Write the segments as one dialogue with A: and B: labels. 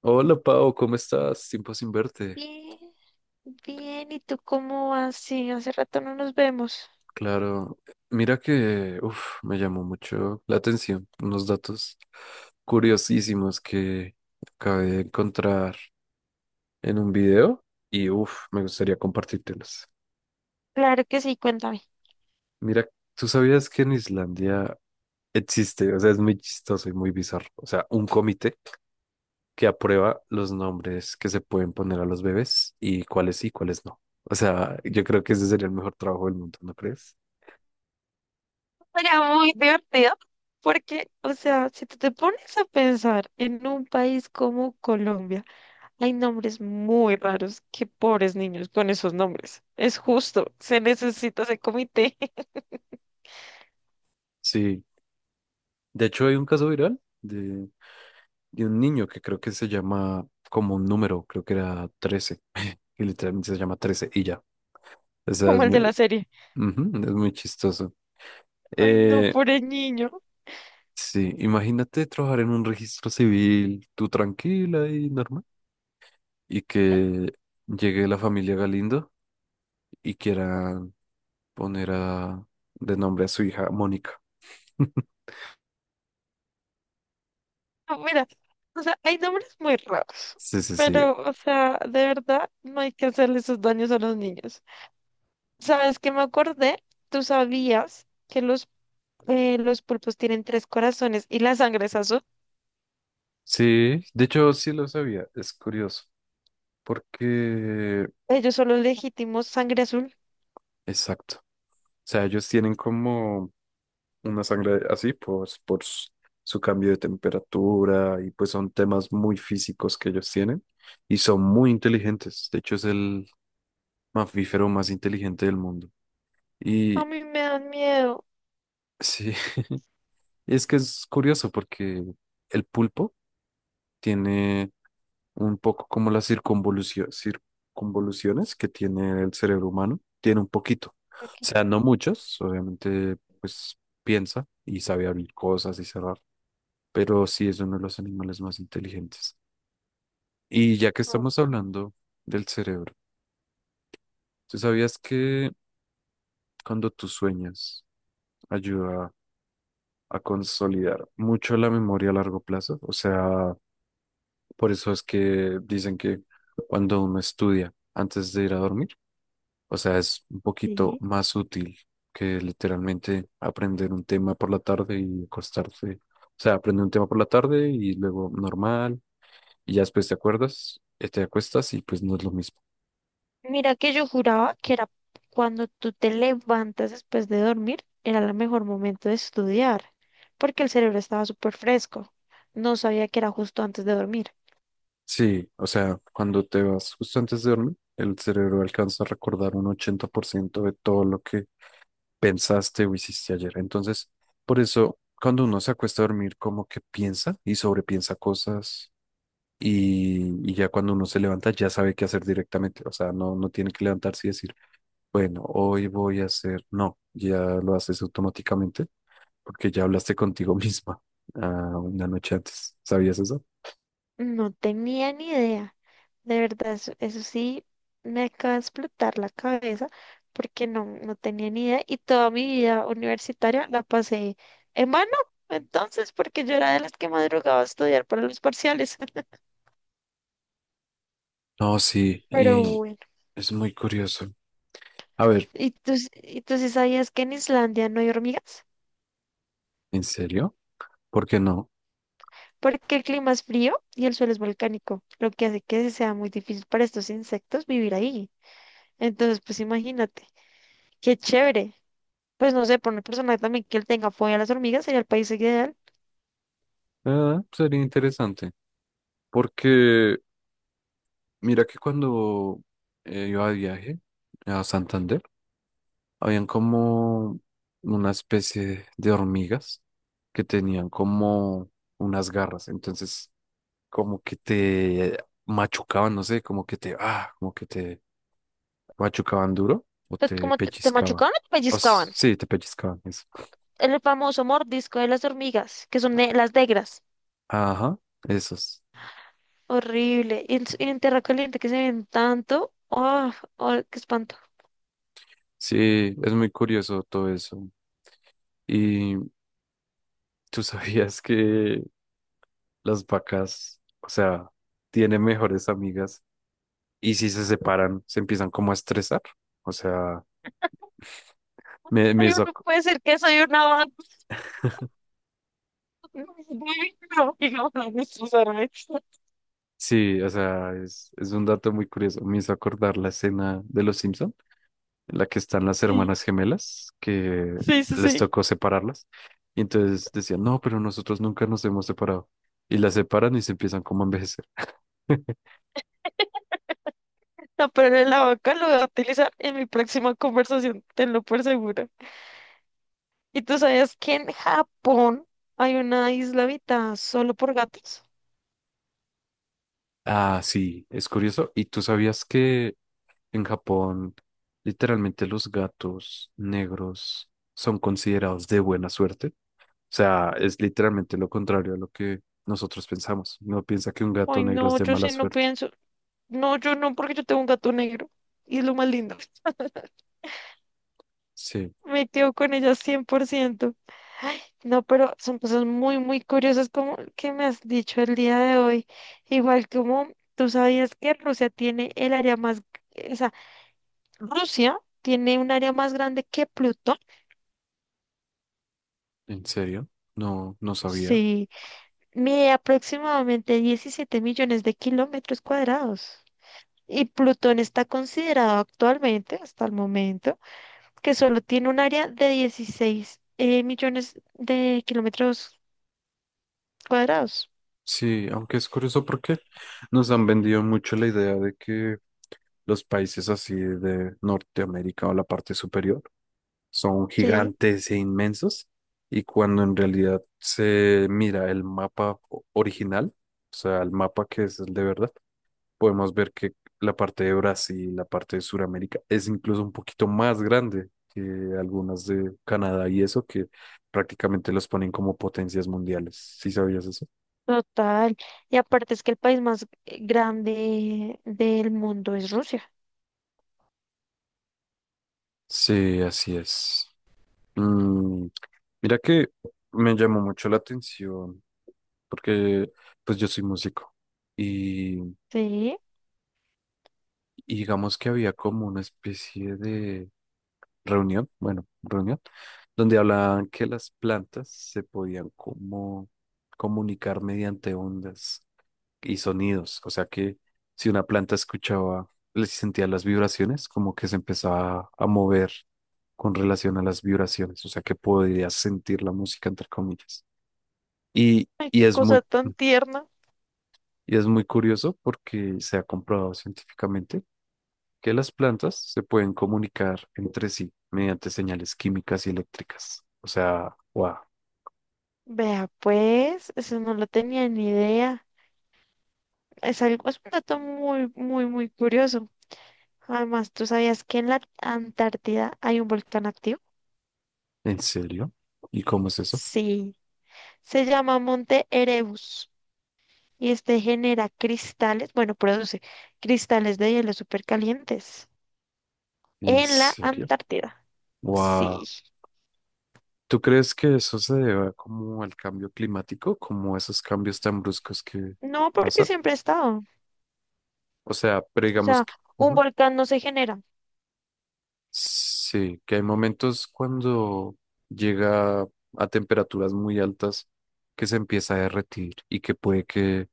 A: Hola Pau, ¿cómo estás? Tiempo sin verte.
B: Bien, bien. ¿Y tú cómo vas? Sí, hace rato no nos vemos.
A: Claro, mira que uf, me llamó mucho la atención unos datos curiosísimos que acabé de encontrar en un video y uf, me gustaría compartírtelos.
B: Claro que sí, cuéntame.
A: Mira, ¿tú sabías que en Islandia existe, o sea, es muy chistoso y muy bizarro, o sea, un comité que aprueba los nombres que se pueden poner a los bebés y cuáles sí, y cuáles no? O sea, yo creo que ese sería el mejor trabajo del mundo, ¿no crees?
B: Era muy divertido porque, o sea, si tú te pones a pensar en un país como Colombia, hay nombres muy raros. Qué pobres niños con esos nombres. Es justo, se necesita ese comité
A: Sí. De hecho, hay un caso viral de un niño que creo que se llama como un número, creo que era trece que literalmente se llama 13 y ya. O sea,
B: como
A: es
B: el
A: muy,
B: de la serie.
A: ujú, es muy chistoso.
B: Ay, no,
A: Eh,
B: pobre niño.
A: sí, imagínate trabajar en un registro civil, tú tranquila y normal, y que llegue la familia Galindo y quieran poner a, de nombre a su hija Mónica.
B: No, mira, o sea, hay nombres muy raros,
A: Sí, sí, sí.
B: pero, o sea, de verdad, no hay que hacerle esos daños a los niños. ¿Sabes qué me acordé? ¿Tú sabías que los pulpos tienen tres corazones y la sangre es azul?
A: Sí, de hecho sí lo sabía, es curioso, porque...
B: Ellos son los legítimos sangre azul.
A: Exacto. Sea, ellos tienen como una sangre así, pues su cambio de temperatura y pues son temas muy físicos que ellos tienen y son muy inteligentes. De hecho, es el mamífero más inteligente del mundo.
B: A
A: Y
B: mí me dan miedo.
A: sí, es que es curioso porque el pulpo tiene un poco como las circunvoluciones que tiene el cerebro humano, tiene un poquito. O
B: Ok,
A: sea, no muchos, obviamente, pues piensa y sabe abrir cosas y cerrar, pero sí es uno de los animales más inteligentes. Y ya que
B: ok,
A: estamos hablando del cerebro, ¿tú sabías que cuando tú sueñas ayuda a consolidar mucho la memoria a largo plazo? O sea, por eso es que dicen que cuando uno estudia antes de ir a dormir, o sea, es un poquito
B: sí.
A: más útil que literalmente aprender un tema por la tarde y acostarse. O sea, aprender un tema por la tarde y luego normal, y ya después te acuerdas, te acuestas y pues no es lo mismo.
B: Mira que yo juraba que era cuando tú te levantas después de dormir, era el mejor momento de estudiar, porque el cerebro estaba súper fresco. No sabía que era justo antes de dormir.
A: Sí, o sea, cuando te vas justo antes de dormir, el cerebro alcanza a recordar un 80% de todo lo que pensaste o hiciste ayer. Entonces, por eso, cuando uno se acuesta a dormir, como que piensa y sobrepiensa cosas y ya cuando uno se levanta, ya sabe qué hacer directamente. O sea, no, no tiene que levantarse y decir, bueno, hoy voy a hacer, no, ya lo haces automáticamente porque ya hablaste contigo misma ah, una noche antes. ¿Sabías eso?
B: No tenía ni idea. De verdad, eso sí me acaba de explotar la cabeza porque no, no tenía ni idea y toda mi vida universitaria la pasé en mano, entonces, porque yo era de las que madrugaba a estudiar para los parciales.
A: No, sí,
B: Pero
A: y
B: bueno,
A: es muy curioso. A ver,
B: ¿y tú sí sabías que en Islandia no hay hormigas?
A: ¿en serio? ¿Por qué no?
B: Porque el clima es frío y el suelo es volcánico, lo que hace que sea muy difícil para estos insectos vivir ahí. Entonces, pues imagínate, qué chévere. Pues no sé, por una persona también que él tenga fobia a las hormigas sería el país ideal.
A: Ah, sería interesante. Porque mira que cuando iba de viaje a Santander, habían como una especie de hormigas que tenían como unas garras. Entonces, como que te machucaban, no sé, como que te, ah, como que te machucaban duro o
B: Pues,
A: te
B: ¿cómo te, te
A: pellizcaban.
B: machucaban o te pellizcaban?
A: Sí, te pellizcaban, eso.
B: El famoso mordisco de las hormigas, que son las negras.
A: Ajá, esos.
B: Horrible. Y en, y en tierra caliente que se ven tanto. ¡Oh, oh, qué espanto!
A: Sí, es muy curioso todo eso. Y tú sabías que las vacas, o sea, tienen mejores amigas y si se separan, se empiezan como a estresar. O sea, me
B: Ay,
A: hizo,
B: no puede ser que soy una vaca. No, no, no, no, no, Susana.
A: sí, o sea, es un dato muy curioso. Me hizo acordar la escena de Los Simpson en la que están las
B: Sí,
A: hermanas gemelas, que
B: sí, sí,
A: les
B: sí.
A: tocó separarlas. Y entonces decían, no, pero nosotros nunca nos hemos separado. Y las separan y se empiezan como a envejecer.
B: No, pero la vaca lo voy a utilizar en mi próxima conversación, tenlo por seguro. ¿Y tú sabías que en Japón hay una isla habitada solo por gatos?
A: Ah, sí, es curioso. ¿Y tú sabías que en Japón, literalmente los gatos negros son considerados de buena suerte? O sea, es literalmente lo contrario a lo que nosotros pensamos. No piensa que un gato
B: Ay,
A: negro es
B: no,
A: de
B: yo
A: mala
B: sí no
A: suerte.
B: pienso. No, yo no, porque yo tengo un gato negro. Y es lo más lindo.
A: Sí,
B: Me quedo con ella 100%. Ay, no, pero son cosas muy, muy curiosas como el que me has dicho el día de hoy. Igual como tú sabías que Rusia tiene el área más, o sea, Rusia tiene un área más grande que Plutón.
A: ¿en serio? No, no sabía.
B: Sí, mide aproximadamente 17 millones de kilómetros cuadrados. Y Plutón está considerado actualmente, hasta el momento, que solo tiene un área de 16 millones de kilómetros cuadrados.
A: Sí, aunque es curioso porque nos han vendido mucho la idea de que los países así de Norteamérica o la parte superior son
B: Sí,
A: gigantes e inmensos y cuando en realidad se mira el mapa original, o sea, el mapa que es el de verdad, podemos ver que la parte de Brasil, la parte de Sudamérica es incluso un poquito más grande que algunas de Canadá y eso que prácticamente los ponen como potencias mundiales. ¿Sí sabías eso?
B: total. Y aparte es que el país más grande del mundo es Rusia.
A: Sí, así es. Mm, mira que me llamó mucho la atención porque pues yo soy músico.
B: Sí,
A: Y digamos que había como una especie de reunión, bueno, reunión, donde hablaban que las plantas se podían como comunicar mediante ondas y sonidos. O sea que si una planta escuchaba, le sentía las vibraciones, como que se empezaba a mover con relación a las vibraciones. O sea que podías sentir la música, entre comillas. Y,
B: ay,
A: y
B: qué
A: es
B: cosa
A: muy,
B: tan tierna.
A: y es muy curioso porque se ha comprobado científicamente que las plantas se pueden comunicar entre sí mediante señales químicas y eléctricas. O sea, wow,
B: Vea, pues, eso no lo tenía ni idea. Es algo, es un dato muy, muy, muy curioso. Además, ¿tú sabías que en la Antártida hay un volcán activo?
A: ¿en serio? ¿Y cómo es eso?
B: Sí. Se llama Monte Erebus y este genera cristales, bueno, produce cristales de hielo supercalientes
A: ¿En
B: en la
A: serio?
B: Antártida.
A: Wow.
B: Sí,
A: ¿Tú crees que eso se debe como al cambio climático, como esos cambios tan bruscos que
B: no porque
A: pasan?
B: siempre ha estado.
A: O sea, pero
B: O sea,
A: digamos que
B: un volcán no se genera.
A: sí, que hay momentos cuando llega a temperaturas muy altas que se empieza a derretir y que puede que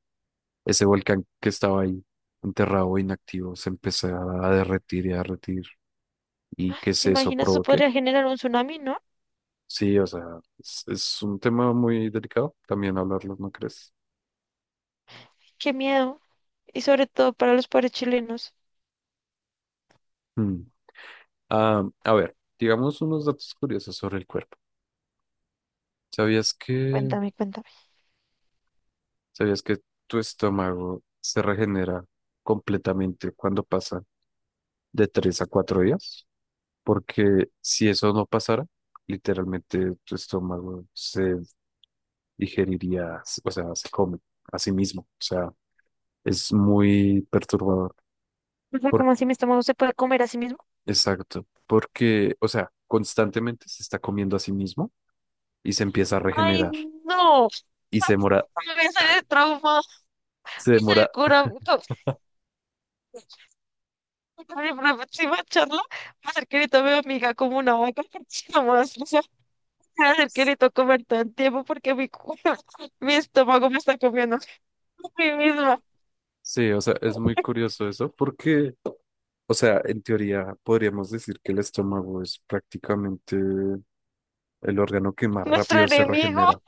A: ese volcán que estaba ahí enterrado, o inactivo, se empezara a derretir y que
B: ¿Te
A: se eso
B: imaginas? Eso
A: provoque.
B: podría generar un tsunami, ¿no?
A: Sí, o sea, es un tema muy delicado también hablarlo, ¿no crees?
B: Qué miedo. Y sobre todo para los pobres chilenos.
A: Mm. Ah, a ver, digamos unos datos curiosos sobre el cuerpo. ¿Sabías que,
B: Cuéntame, cuéntame.
A: ¿sabías que tu estómago se regenera completamente cuando pasa de 3 a 4 días? Porque si eso no pasara, literalmente tu estómago se digeriría, o sea, se come a sí mismo. O sea, es muy perturbador.
B: O sea,
A: Por-
B: ¿cómo así mi estómago se puede comer a sí mismo?
A: exacto, porque, o sea, constantemente se está comiendo a sí mismo y se empieza a
B: ¡Ay,
A: regenerar
B: no!
A: y se demora,
B: Me voy a salir trauma, voy
A: se
B: a salir
A: demora.
B: Oye, por la próxima charla, me acerqué y tomé a mi hija como una vaca, nomás, o sea, me acerqué y tocó comer todo el tiempo porque mi, mi estómago me está comiendo a mí misma.
A: Sí, o sea, es muy curioso eso porque, o sea, en teoría podríamos decir que el estómago es prácticamente el órgano que más
B: Nuestro
A: rápido se
B: enemigo.
A: regenera.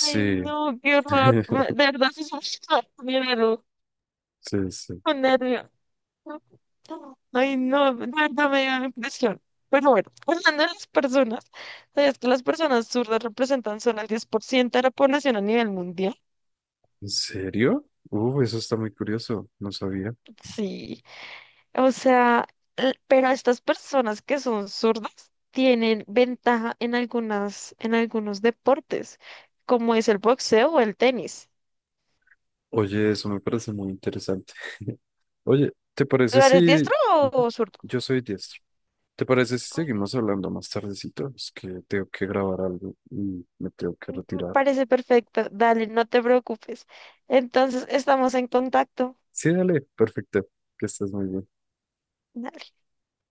B: Ay, no, qué horror. De verdad, sí, sí, sí, me dio
A: sí, sí.
B: un nervio. Ay, no, de verdad me dio la impresión. Pero bueno, hablando de las personas, ¿sabías que las personas zurdas representan solo el 10% de la población a nivel mundial?
A: ¿En serio? Eso está muy curioso, no sabía.
B: Sí. O sea, pero estas personas que son zurdas tienen ventaja en algunas, en algunos deportes, como es el boxeo o el tenis.
A: Oye, eso me parece muy interesante. Oye, ¿te
B: ¿Tú
A: parece
B: eres
A: si...
B: diestro
A: Ujú,
B: o zurdo?
A: yo soy diestro. ¿Te parece si seguimos
B: Ok.
A: hablando más tardecito? Es que tengo que grabar algo y me tengo que
B: Me
A: retirar.
B: parece perfecto. Dale, no te preocupes. Entonces, estamos en contacto.
A: Sí, dale, perfecto. Que estés muy bien.
B: Dale.